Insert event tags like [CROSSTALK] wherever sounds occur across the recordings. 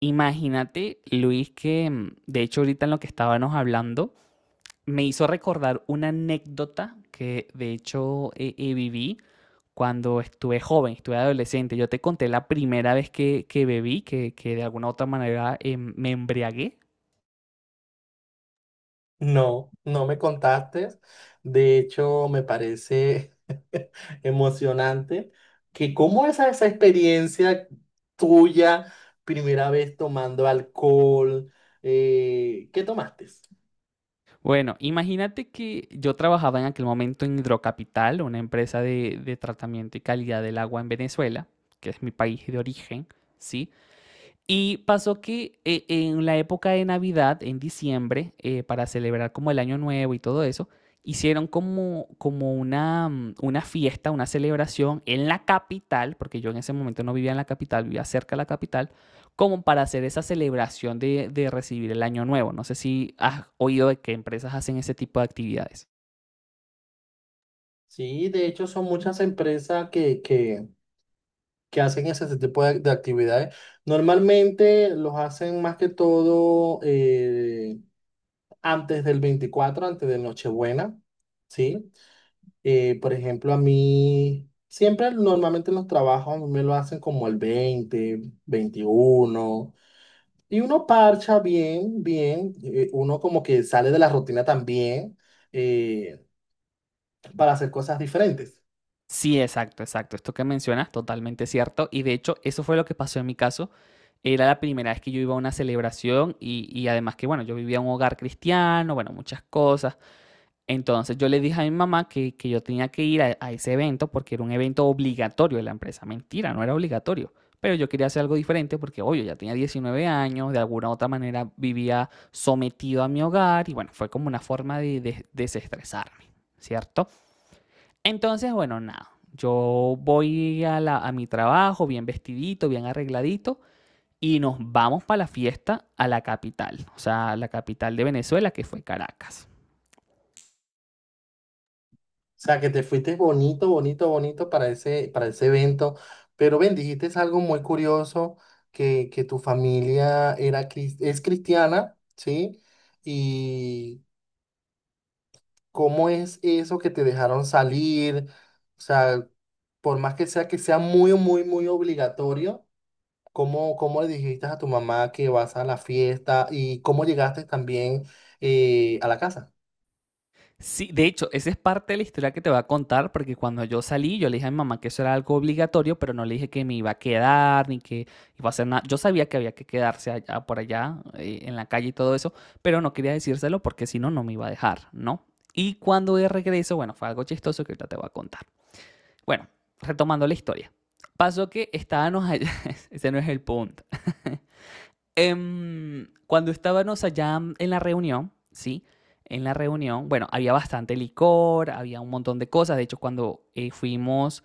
Imagínate, Luis, que de hecho ahorita en lo que estábamos hablando, me hizo recordar una anécdota que de hecho viví cuando estuve joven, estuve adolescente. Yo te conté la primera vez que bebí, que de alguna u otra manera me embriagué. No, no me contaste. De hecho, me parece [LAUGHS] emocionante que cómo es esa experiencia tuya, primera vez tomando alcohol, ¿qué tomaste? Bueno, imagínate que yo trabajaba en aquel momento en Hidrocapital, una empresa de tratamiento y calidad del agua en Venezuela, que es mi país de origen, ¿sí? Y pasó que en la época de Navidad, en diciembre, para celebrar como el Año Nuevo y todo eso, hicieron como una fiesta, una celebración en la capital, porque yo en ese momento no vivía en la capital, vivía cerca de la capital, como para hacer esa celebración de recibir el Año Nuevo. No sé si has oído de que empresas hacen ese tipo de actividades. Sí, de hecho son muchas empresas que hacen ese tipo de actividades. Normalmente los hacen más que todo antes del 24, antes de Nochebuena, ¿sí? Por ejemplo, a mí, siempre normalmente en los trabajos a mí me lo hacen como el 20, 21 y uno parcha bien, bien, uno como que sale de la rutina también eh, para hacer cosas diferentes. Sí, exacto, exacto. Esto que mencionas, totalmente cierto. Y de hecho, eso fue lo que pasó en mi caso. Era la primera vez que yo iba a una celebración y además que, bueno, yo vivía en un hogar cristiano, bueno, muchas cosas. Entonces yo le dije a mi mamá que yo tenía que ir a ese evento porque era un evento obligatorio de la empresa. Mentira, no era obligatorio, pero yo quería hacer algo diferente porque, obvio, ya tenía 19 años, de alguna u otra manera vivía sometido a mi hogar y bueno, fue como una forma de desestresarme, ¿cierto? Entonces, bueno, nada, yo voy a, la, a mi trabajo bien vestidito, bien arregladito y nos vamos para la fiesta a la capital, o sea, a la capital de Venezuela, que fue Caracas. O sea, que te fuiste bonito, bonito, bonito para ese evento, pero ven, dijiste es algo muy curioso, que tu familia era, es cristiana, ¿sí? Y ¿cómo es eso que te dejaron salir? O sea, por más que sea muy, muy, muy obligatorio, ¿cómo le dijiste a tu mamá que vas a la fiesta y cómo llegaste también a la casa? Sí, de hecho, esa es parte de la historia que te voy a contar, porque cuando yo salí, yo le dije a mi mamá que eso era algo obligatorio, pero no le dije que me iba a quedar, ni que iba a hacer nada. Yo sabía que había que quedarse allá, por allá, en la calle y todo eso, pero no quería decírselo porque si no, no me iba a dejar, ¿no? Y cuando de regreso, bueno, fue algo chistoso que ahorita te voy a contar. Bueno, retomando la historia. Pasó que estábamos allá, [LAUGHS] ese no es el punto. Cuando estábamos allá en la reunión, ¿sí? En la reunión, bueno, había bastante licor, había un montón de cosas. De hecho, cuando fuimos,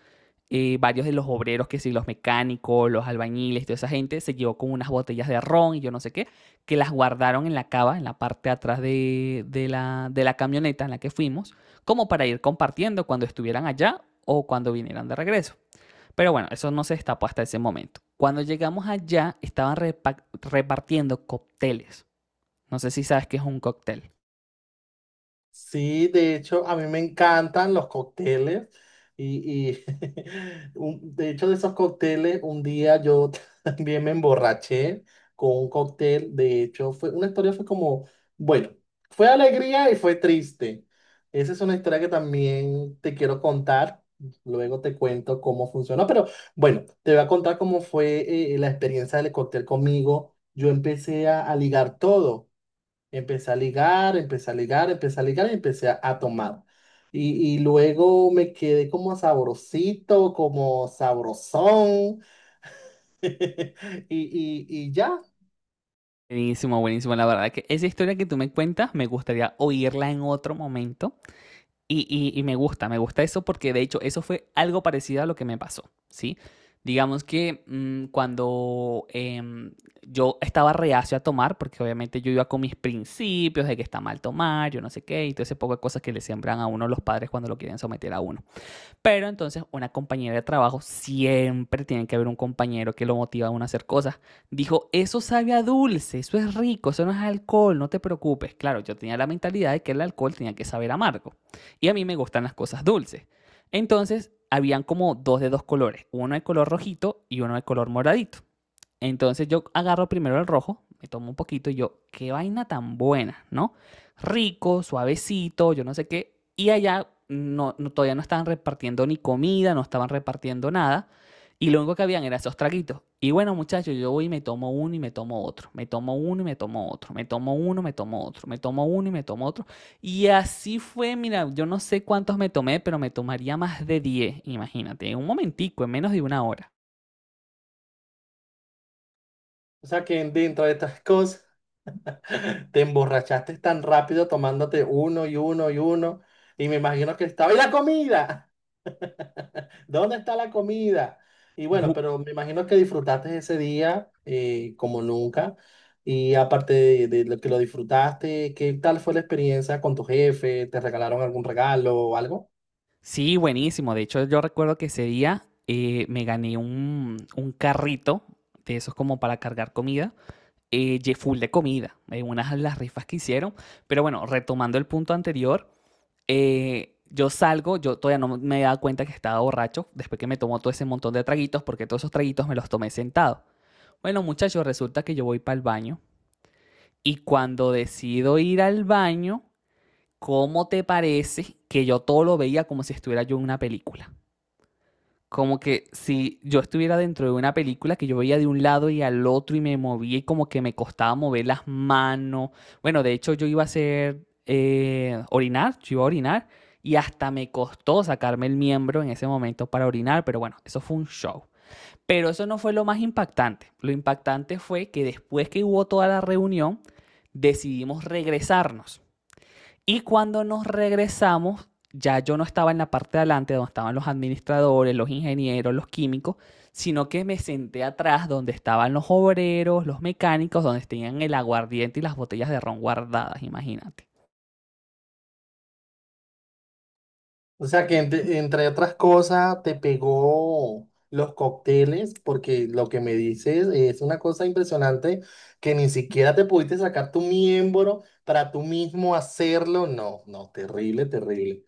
varios de los obreros, que sí, los mecánicos, los albañiles, toda esa gente, se llevó con unas botellas de ron y yo no sé qué, que las guardaron en la cava, en la parte de atrás de la camioneta en la que fuimos, como para ir compartiendo cuando estuvieran allá o cuando vinieran de regreso. Pero bueno, eso no se destapó hasta ese momento. Cuando llegamos allá, estaban repartiendo cócteles. No sé si sabes qué es un cóctel. Sí, de hecho, a mí me encantan los cócteles y [LAUGHS] de hecho de esos cócteles, un día yo [LAUGHS] también me emborraché con un cóctel, de hecho, fue una historia fue como, bueno, fue alegría y fue triste. Esa es una historia que también te quiero contar, luego te cuento cómo funcionó, pero bueno, te voy a contar cómo fue la experiencia del cóctel conmigo. Yo empecé a ligar todo. Empecé a ligar, empecé a ligar, empecé a ligar y empecé a tomar. Y luego me quedé como sabrosito, como sabrosón. [LAUGHS] Y ya. Buenísimo, buenísimo. La verdad que esa historia que tú me cuentas, me gustaría oírla en otro momento. Y me gusta eso porque de hecho eso fue algo parecido a lo que me pasó, ¿sí? Digamos que cuando yo estaba reacio a tomar, porque obviamente yo iba con mis principios de que está mal tomar, yo no sé qué, y todo ese poco de cosas que le siembran a uno los padres cuando lo quieren someter a uno. Pero entonces una compañera de trabajo, siempre tiene que haber un compañero que lo motiva a uno a hacer cosas. Dijo, eso sabe a dulce, eso es rico, eso no es alcohol, no te preocupes. Claro, yo tenía la mentalidad de que el alcohol tenía que saber amargo. Y a mí me gustan las cosas dulces. Entonces, habían como dos de dos colores, uno de color rojito y uno de color moradito. Entonces yo agarro primero el rojo, me tomo un poquito y yo, qué vaina tan buena, ¿no? Rico, suavecito, yo no sé qué. Y allá todavía no estaban repartiendo ni comida, no estaban repartiendo nada. Y lo único que habían eran esos traguitos. Y bueno, muchachos, yo voy y me tomo uno y me tomo otro. Me tomo uno y me tomo otro. Me tomo uno, me tomo otro. Me tomo uno y me tomo otro. Y así fue, mira, yo no sé cuántos me tomé, pero me tomaría más de 10. Imagínate, en un momentico, en menos de una hora. O sea que dentro de estas [LAUGHS] cosas te emborrachaste tan rápido tomándote uno y uno y uno. Y me imagino que estaba. ¡Y la comida! ¿Dónde está la comida? Y bueno, pero me imagino que disfrutaste ese día como nunca. Y aparte de lo que lo disfrutaste, ¿qué tal fue la experiencia con tu jefe? ¿Te regalaron algún regalo o algo? Sí, buenísimo. De hecho, yo recuerdo que ese día me gané un carrito de esos como para cargar comida, full de comida, en unas de las rifas que hicieron. Pero bueno, retomando el punto anterior, yo salgo, yo todavía no me he dado cuenta que estaba borracho después que me tomó todo ese montón de traguitos, porque todos esos traguitos me los tomé sentado. Bueno, muchachos, resulta que yo voy para el baño y cuando decido ir al baño, ¿cómo te parece que yo todo lo veía como si estuviera yo en una película? Como que si yo estuviera dentro de una película que yo veía de un lado y al otro y me movía y como que me costaba mover las manos. Bueno, de hecho yo iba a hacer orinar, yo iba a orinar y hasta me costó sacarme el miembro en ese momento para orinar, pero bueno, eso fue un show. Pero eso no fue lo más impactante. Lo impactante fue que después que hubo toda la reunión, decidimos regresarnos. Y cuando nos regresamos, ya yo no estaba en la parte de adelante donde estaban los administradores, los ingenieros, los químicos, sino que me senté atrás donde estaban los obreros, los mecánicos, donde tenían el aguardiente y las botellas de ron guardadas, imagínate. O sea que entre otras cosas te pegó los cócteles, porque lo que me dices es una cosa impresionante que ni siquiera te pudiste sacar tu miembro para tú mismo hacerlo. No, no, terrible, terrible.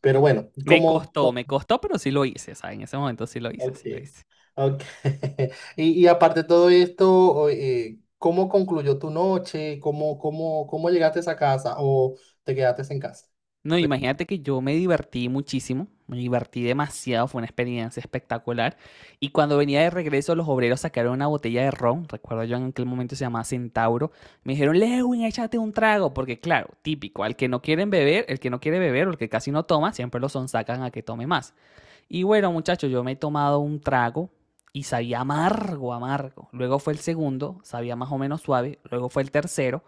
Pero bueno, como. Me costó, pero sí lo hice, ¿sabes? En ese momento sí lo hice, Ok, sí lo hice. ok. [LAUGHS] Y aparte de todo esto, ¿cómo, concluyó tu noche? cómo llegaste a esa casa o te quedaste en casa? No, imagínate que yo me divertí muchísimo, me divertí demasiado, fue una experiencia espectacular. Y cuando venía de regreso, los obreros sacaron una botella de ron, recuerdo yo en aquel momento se llamaba Centauro, me dijeron, Lewin, échate un trago, porque claro, típico, al que no quieren beber, el que no quiere beber o el que casi no toma, siempre lo sonsacan a que tome más. Y bueno, muchachos, yo me he tomado un trago y sabía amargo, amargo. Luego fue el segundo, sabía más o menos suave. Luego fue el tercero,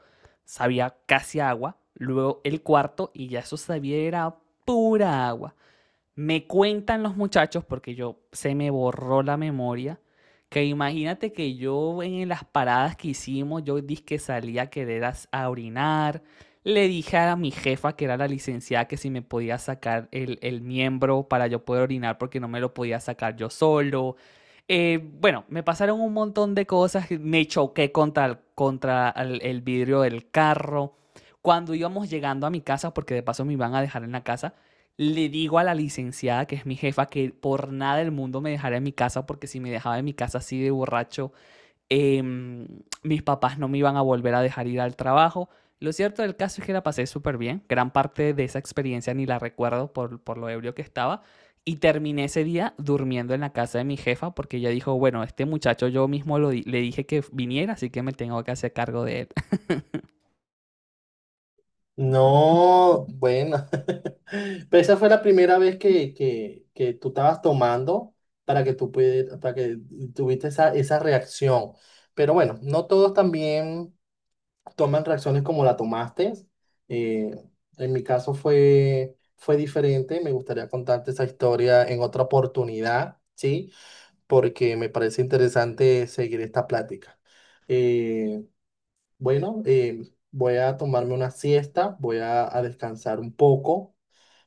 sabía casi agua. Luego el cuarto y ya eso sabía era pura agua. Me cuentan los muchachos, porque yo se me borró la memoria, que imagínate que yo en las paradas que hicimos, yo dije que salía a querer a orinar, le dije a mi jefa, que era la licenciada, que si me podía sacar el miembro para yo poder orinar porque no me lo podía sacar yo solo. Bueno, me pasaron un montón de cosas, me choqué contra el vidrio del carro. Cuando íbamos llegando a mi casa, porque de paso me iban a dejar en la casa, le digo a la licenciada, que es mi jefa, que por nada del mundo me dejara en mi casa, porque si me dejaba en mi casa así de borracho, eh, mis papás no me iban a volver a dejar ir al trabajo. Lo cierto del caso es que la pasé súper bien. Gran parte de esa experiencia ni la recuerdo por lo ebrio que estaba. Y terminé ese día durmiendo en la casa de mi jefa porque ella dijo, bueno, este muchacho yo mismo le dije que viniera, así que me tengo que hacer cargo de él. No, bueno, [LAUGHS] pero esa fue la primera vez que tú estabas tomando para que tuviste esa reacción. Pero bueno, no todos también toman reacciones como la tomaste. Eh, en mi caso fue diferente. Me gustaría contarte esa historia en otra oportunidad, ¿sí? Porque me parece interesante seguir esta plática. Eh, bueno, voy a tomarme una siesta, voy a descansar un poco.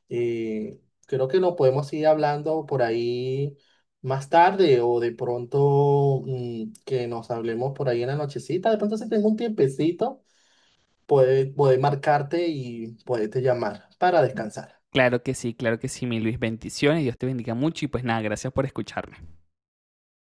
Eh, Creo que nos podemos ir hablando por ahí más tarde o de pronto que nos hablemos por ahí en la nochecita. De pronto si tengo un tiempecito puede marcarte y puede te llamar para descansar. [LAUGHS] Claro que sí, claro que sí, mi Luis. Bendiciones, Dios te bendiga mucho y pues nada, gracias por escucharme.